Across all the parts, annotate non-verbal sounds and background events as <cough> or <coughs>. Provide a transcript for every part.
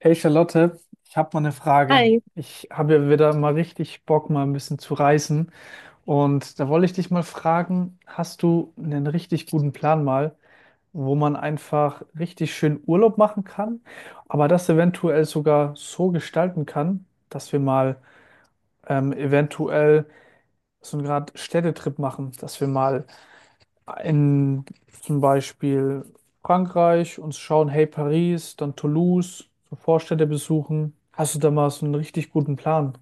Hey Charlotte, ich habe mal eine Frage. Hi. Ich habe ja wieder mal richtig Bock, mal ein bisschen zu reisen. Und da wollte ich dich mal fragen, hast du einen richtig guten Plan mal, wo man einfach richtig schön Urlaub machen kann, aber das eventuell sogar so gestalten kann, dass wir mal eventuell so einen Grad Städtetrip machen, dass wir mal in zum Beispiel Frankreich und schauen, hey Paris, dann Toulouse, so Vorstädte besuchen. Hast du da mal so einen richtig guten Plan?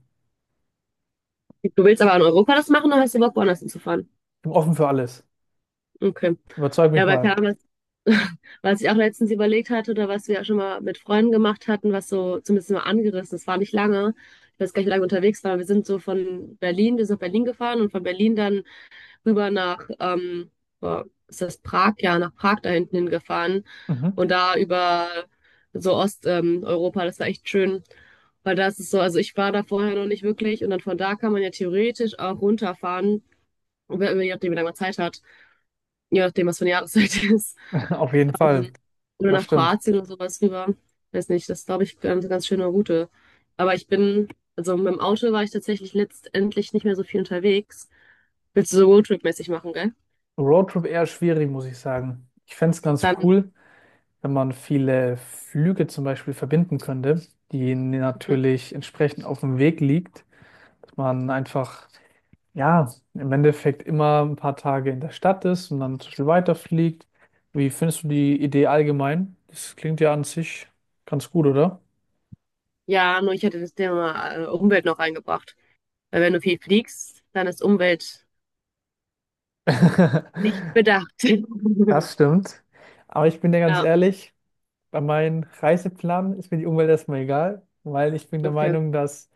Du willst aber in Europa das machen oder hast du Bock, woanders hinzufahren? Ich bin offen für alles. Okay. Überzeug mich Ja, weil keine mal. Ahnung, was, <laughs> was ich auch letztens überlegt hatte oder was wir ja schon mal mit Freunden gemacht hatten, was so zumindest mal angerissen ist, war nicht lange. Ich weiß gar nicht, wie lange wir unterwegs waren. Wir sind so von Berlin, wir sind nach Berlin gefahren und von Berlin dann rüber nach, boah, ist das Prag? Ja, nach Prag da hinten hingefahren Mhm. und da über so Osteuropa, Europa, das war echt schön, weil das ist so, also ich war da vorher noch nicht wirklich und dann von da kann man ja theoretisch auch runterfahren, je nachdem, wie lange man Zeit hat, je nachdem, was für eine Jahreszeit <laughs> ist. <laughs> Auf jeden Ähm, Fall. oder Das nach stimmt. Kroatien und sowas rüber. Weiß nicht, das ist, glaube ich, eine ganz schöne Route. Aber ich bin, also mit dem Auto war ich tatsächlich letztendlich nicht mehr so viel unterwegs. Willst du so Roadtrip-mäßig machen, gell? Roadtrip eher schwierig, muss ich sagen. Ich fände es ganz Dann cool, wenn man viele Flüge zum Beispiel verbinden könnte, die natürlich entsprechend auf dem Weg liegt, dass man einfach ja, im Endeffekt immer ein paar Tage in der Stadt ist und dann zum Beispiel weiterfliegt. Wie findest du die Idee allgemein? Das klingt ja an sich ganz gut, oder? ja, nur ich hätte das Thema Umwelt noch reingebracht. Weil wenn du viel fliegst, dann ist Umwelt nicht <laughs> bedacht. <laughs> Das stimmt. Aber ich bin dir ganz Ja, ehrlich, bei meinem Reiseplan ist mir die Umwelt erstmal egal, weil ich bin der okay. Meinung, dass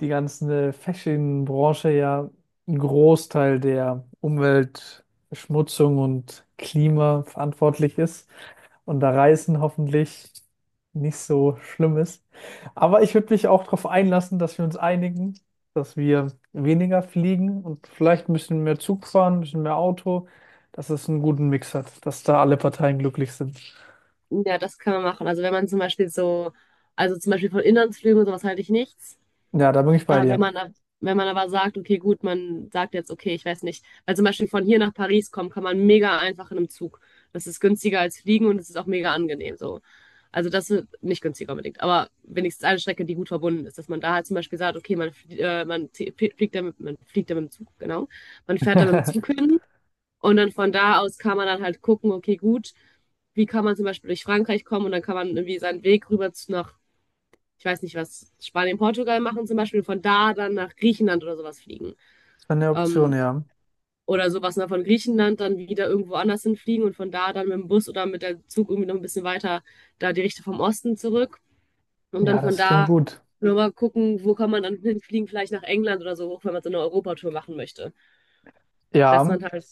die ganze Fashion-Branche ja einen Großteil der Umweltverschmutzung und Klima verantwortlich ist und da Reisen hoffentlich nicht so schlimm ist. Aber ich würde mich auch darauf einlassen, dass wir uns einigen, dass wir weniger fliegen und vielleicht ein bisschen mehr Zug fahren, ein bisschen mehr Auto, dass es einen guten Mix hat, dass da alle Parteien glücklich sind. Ja, das kann man machen. Also wenn man zum Beispiel so, also zum Beispiel von Inlandsflügen und sowas halte ich nichts. Ja, da bin ich bei Ja, wenn dir. man, wenn man aber sagt, okay, gut, man sagt jetzt, okay, ich weiß nicht, weil zum Beispiel von hier nach Paris kommen, kann man mega einfach in einem Zug. Das ist günstiger als fliegen und es ist auch mega angenehm so. Also das ist nicht günstiger unbedingt, aber wenigstens eine Strecke, die gut verbunden ist, dass man da halt zum Beispiel sagt, okay, man, fliegt da mit, man fliegt da mit dem Zug, genau. Man fährt da mit dem Zug <laughs> hin und dann von da aus kann man dann halt gucken, okay, gut, wie kann man zum Beispiel durch Frankreich kommen und dann kann man irgendwie seinen Weg rüber nach ich weiß nicht was, Spanien, Portugal machen zum Beispiel, von da dann nach Griechenland oder sowas fliegen. Das wäre eine Option, Ähm, ja. oder sowas ne, von Griechenland dann wieder irgendwo anders hinfliegen und von da dann mit dem Bus oder mit dem Zug irgendwie noch ein bisschen weiter da die Richtung vom Osten zurück und dann Ja, von das klingt da gut. nochmal gucken, wo kann man dann hinfliegen, vielleicht nach England oder so hoch, wenn man so eine Europatour machen möchte. Dass Ja, man halt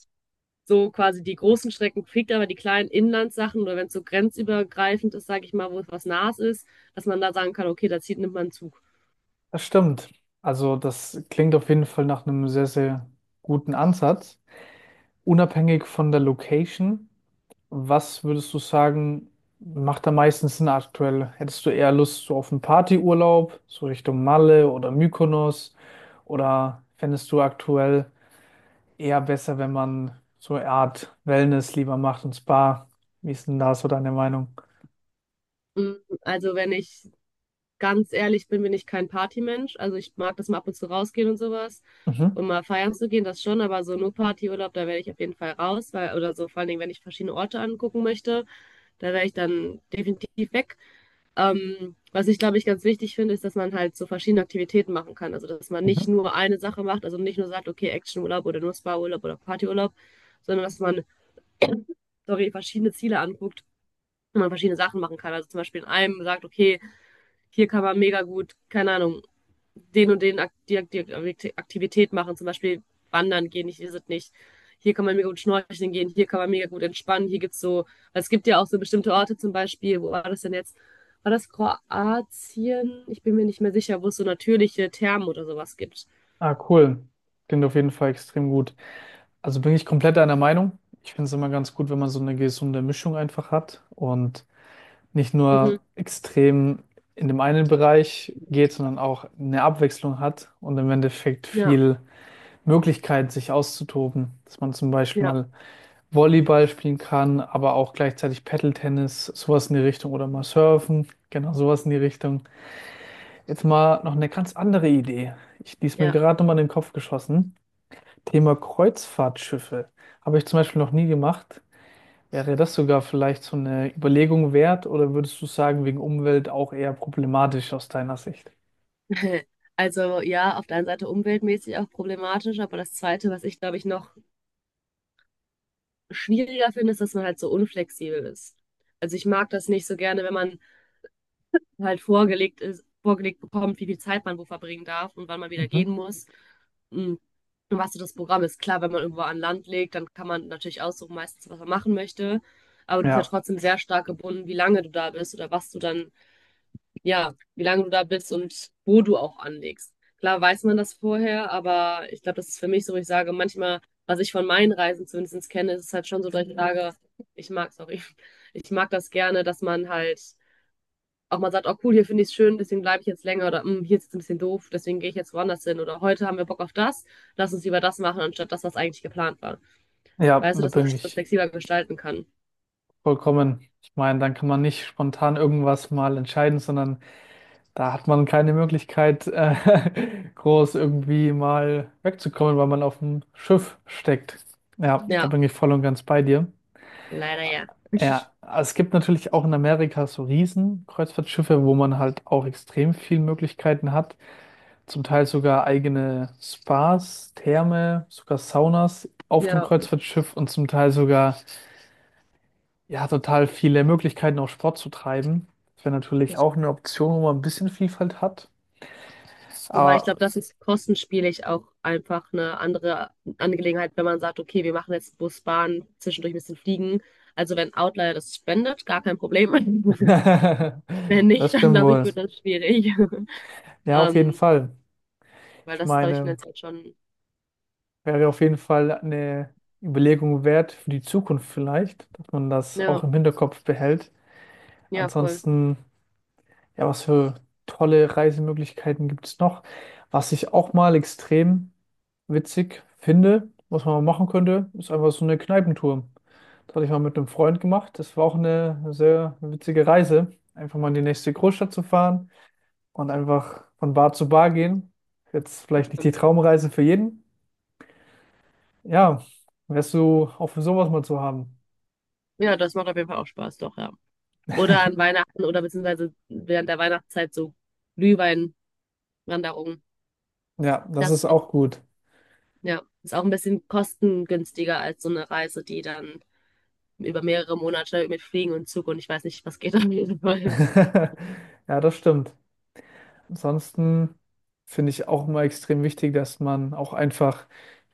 so quasi die großen Strecken fliegt, aber die kleinen Inlandssachen oder wenn es so grenzübergreifend ist, sage ich mal, wo was nahes ist, dass man da sagen kann, okay, nimmt man einen Zug. das stimmt. Also das klingt auf jeden Fall nach einem sehr, sehr guten Ansatz. Unabhängig von der Location, was würdest du sagen, macht am meisten Sinn aktuell? Hättest du eher Lust so auf einen Partyurlaub, so Richtung Malle oder Mykonos? Oder fändest du aktuell eher besser, wenn man so eine Art Wellness lieber macht und Spa? Wie ist denn da so deine Meinung? Mm, also wenn ich ganz ehrlich bin, bin ich kein Partymensch. Also ich mag das mal ab und zu rausgehen und sowas Mhm. und mal feiern zu gehen, das schon, aber so nur Partyurlaub, da werde ich auf jeden Fall raus, weil, oder so vor allen Dingen, wenn ich verschiedene Orte angucken möchte, da wäre ich dann definitiv weg. Was ich, glaube ich, ganz wichtig finde, ist, dass man halt so verschiedene Aktivitäten machen kann. Also dass man nicht Mhm. nur eine Sache macht, also nicht nur sagt, okay, Actionurlaub oder nur Spa-Urlaub oder Partyurlaub, sondern dass man, <coughs> <clears throat> sorry, verschiedene Ziele anguckt und man verschiedene Sachen machen kann. Also zum Beispiel in einem sagt, okay, hier kann man mega gut, keine Ahnung, den und den Aktivität machen, zum Beispiel wandern gehen, ich weiß es nicht. Hier kann man mega gut schnorcheln gehen, hier kann man mega gut entspannen, hier gibt's so, es gibt ja auch so bestimmte Orte zum Beispiel, wo war das denn jetzt? War das Kroatien? Ich bin mir nicht mehr sicher, wo es so natürliche Thermen oder sowas gibt. Ah, cool. Klingt auf jeden Fall extrem gut. Also bin ich komplett einer Meinung. Ich finde es immer ganz gut, wenn man so eine gesunde Mischung einfach hat und nicht Mhm. nur extrem in dem einen Bereich geht, sondern auch eine Abwechslung hat und im Endeffekt Ja, viel Möglichkeit, sich auszutoben. Dass man zum Beispiel ja, mal Volleyball spielen kann, aber auch gleichzeitig Paddle-Tennis, sowas in die Richtung oder mal Surfen, genau sowas in die Richtung. Jetzt mal noch eine ganz andere Idee. Ich, die ist mir ja. gerade nochmal in den Kopf geschossen. Thema Kreuzfahrtschiffe habe ich zum Beispiel noch nie gemacht. Wäre das sogar vielleicht so eine Überlegung wert oder würdest du sagen, wegen Umwelt auch eher problematisch aus deiner Sicht? <laughs> Also ja, auf der einen Seite umweltmäßig auch problematisch, aber das Zweite, was ich glaube ich noch schwieriger finde, ist, dass man halt so unflexibel ist. Also ich mag das nicht so gerne, wenn man halt vorgelegt ist, vorgelegt bekommt, wie viel Zeit man wo verbringen darf und wann man wieder gehen Mhm. muss. Hm. Und was so das Programm ist. Klar, wenn man irgendwo an Land legt, dann kann man natürlich aussuchen, meistens, was man machen möchte. Aber du bist ja Ja, trotzdem sehr stark gebunden, wie lange du da bist oder was du dann, ja, wie lange du da bist und wo du auch anlegst. Klar weiß man das vorher, aber ich glaube, das ist für mich so, wo ich sage, manchmal, was ich von meinen Reisen zumindest kenne, ist es halt schon so, dass ich sage, ich mag, sorry, <laughs> ich mag das gerne, dass man halt auch mal sagt, oh cool, hier finde ich es schön, deswegen bleibe ich jetzt länger oder "Hm, hier ist es ein bisschen doof, deswegen gehe ich jetzt woanders hin oder heute haben wir Bock auf das, lass uns lieber das machen, anstatt das, was eigentlich geplant war. ja, Weißt du, da dass man bin das ich flexibler gestalten kann. vollkommen. Ich meine, dann kann man nicht spontan irgendwas mal entscheiden, sondern da hat man keine Möglichkeit, <laughs> groß irgendwie mal wegzukommen, weil man auf dem Schiff steckt. Ja, da Ja, bin ich voll und ganz bei dir. leider ja. Ja, also es gibt natürlich auch in Amerika so Riesen-Kreuzfahrtschiffe, wo man halt auch extrem viele Möglichkeiten hat. Zum Teil sogar eigene Spas, Therme, sogar Saunas auf dem Ja. Kreuzfahrtschiff und zum Teil sogar, ja, total viele Möglichkeiten, auch Sport zu treiben. Das wäre natürlich Das, auch eine Option, wo man ein bisschen Vielfalt hat. wobei ich Aber glaube, das ist kostenspielig auch einfach eine andere Angelegenheit, wenn man sagt, okay, wir machen jetzt Bus, Bahn, zwischendurch ein bisschen fliegen. Also wenn Outlier das spendet, gar kein Problem. <laughs> <laughs> Wenn das nicht, dann stimmt glaube ich, wohl. wird das schwierig. <laughs> Ja, auf jeden Ähm, Fall. weil Ich das, glaube ich, meine. finanziell schon, Wäre auf jeden Fall eine Überlegung wert für die Zukunft vielleicht, dass man das ja, auch im Hinterkopf behält. ja, voll. Ansonsten, ja, was für tolle Reisemöglichkeiten gibt es noch? Was ich auch mal extrem witzig finde, was man mal machen könnte, ist einfach so eine Kneipentour. Das hatte ich mal mit einem Freund gemacht. Das war auch eine sehr witzige Reise. Einfach mal in die nächste Großstadt zu fahren und einfach von Bar zu Bar gehen. Jetzt Das vielleicht nicht die stimmt. Traumreise für jeden, ja, wärst du auch für sowas mal zu haben. Ja, das macht auf jeden Fall auch Spaß, doch, ja. Oder an Weihnachten oder beziehungsweise während der Weihnachtszeit so Glühweinwanderungen. Ja, das Das ist ist auch, auch gut. ja, ist auch ein bisschen kostengünstiger als so eine Reise, die dann über mehrere Monate mit Fliegen und Zug und ich weiß nicht, was geht auf jeden Fall. <laughs> Ja, das stimmt. Ansonsten finde ich auch immer extrem wichtig, dass man auch einfach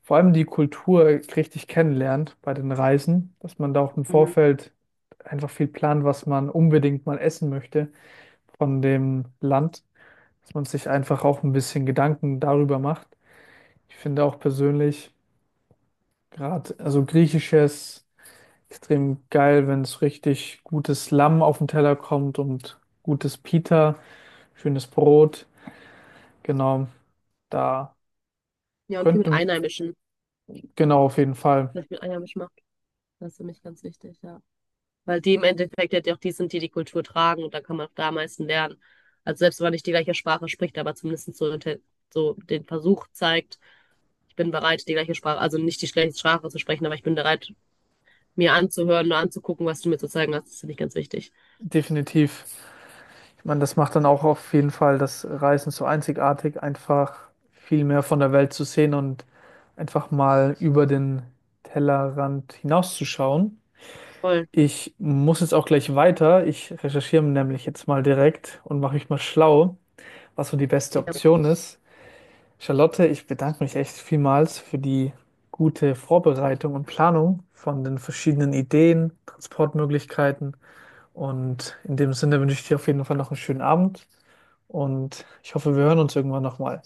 vor allem die Kultur richtig kennenlernt bei den Reisen, dass man da auch im Mhm. Vorfeld einfach viel plant, was man unbedingt mal essen möchte von dem Land, dass man sich einfach auch ein bisschen Gedanken darüber macht. Ich finde auch persönlich gerade, also griechisches, extrem geil, wenn es richtig gutes Lamm auf den Teller kommt und gutes Pita, schönes Brot. Genau, da Ja, und viel mit könnte, Einheimischen, genau, auf jeden Fall, was ich mit Einheimischen mache, das ist für mich ganz wichtig, ja. Weil die im Endeffekt ja auch die sind, die die Kultur tragen und da kann man auch da am meisten lernen. Also selbst wenn man nicht die gleiche Sprache spricht, aber zumindest so, so den Versuch zeigt, ich bin bereit, die gleiche Sprache, also nicht die gleiche Sprache zu sprechen, aber ich bin bereit, mir anzuhören oder anzugucken, was du mir zu zeigen hast. Das finde ich ganz wichtig. definitiv. Ich meine, das macht dann auch auf jeden Fall das Reisen so einzigartig, einfach viel mehr von der Welt zu sehen und einfach mal über den Tellerrand hinauszuschauen. Voll. Ich muss jetzt auch gleich weiter. Ich recherchiere nämlich jetzt mal direkt und mache mich mal schlau, was so die beste Option ist. Charlotte, ich bedanke mich echt vielmals für die gute Vorbereitung und Planung von den verschiedenen Ideen, Transportmöglichkeiten. Und in dem Sinne wünsche ich dir auf jeden Fall noch einen schönen Abend und ich hoffe, wir hören uns irgendwann nochmal.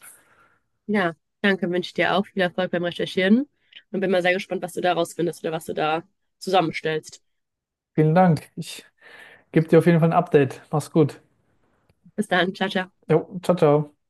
Ja, danke, wünsche ich dir auch viel Erfolg beim Recherchieren und bin mal sehr gespannt, was du da rausfindest oder was du da zusammenstellst. Vielen Dank. Ich gebe dir auf jeden Fall ein Update. Mach's gut. Bis dann, ciao, ciao. Jo, ciao, ciao.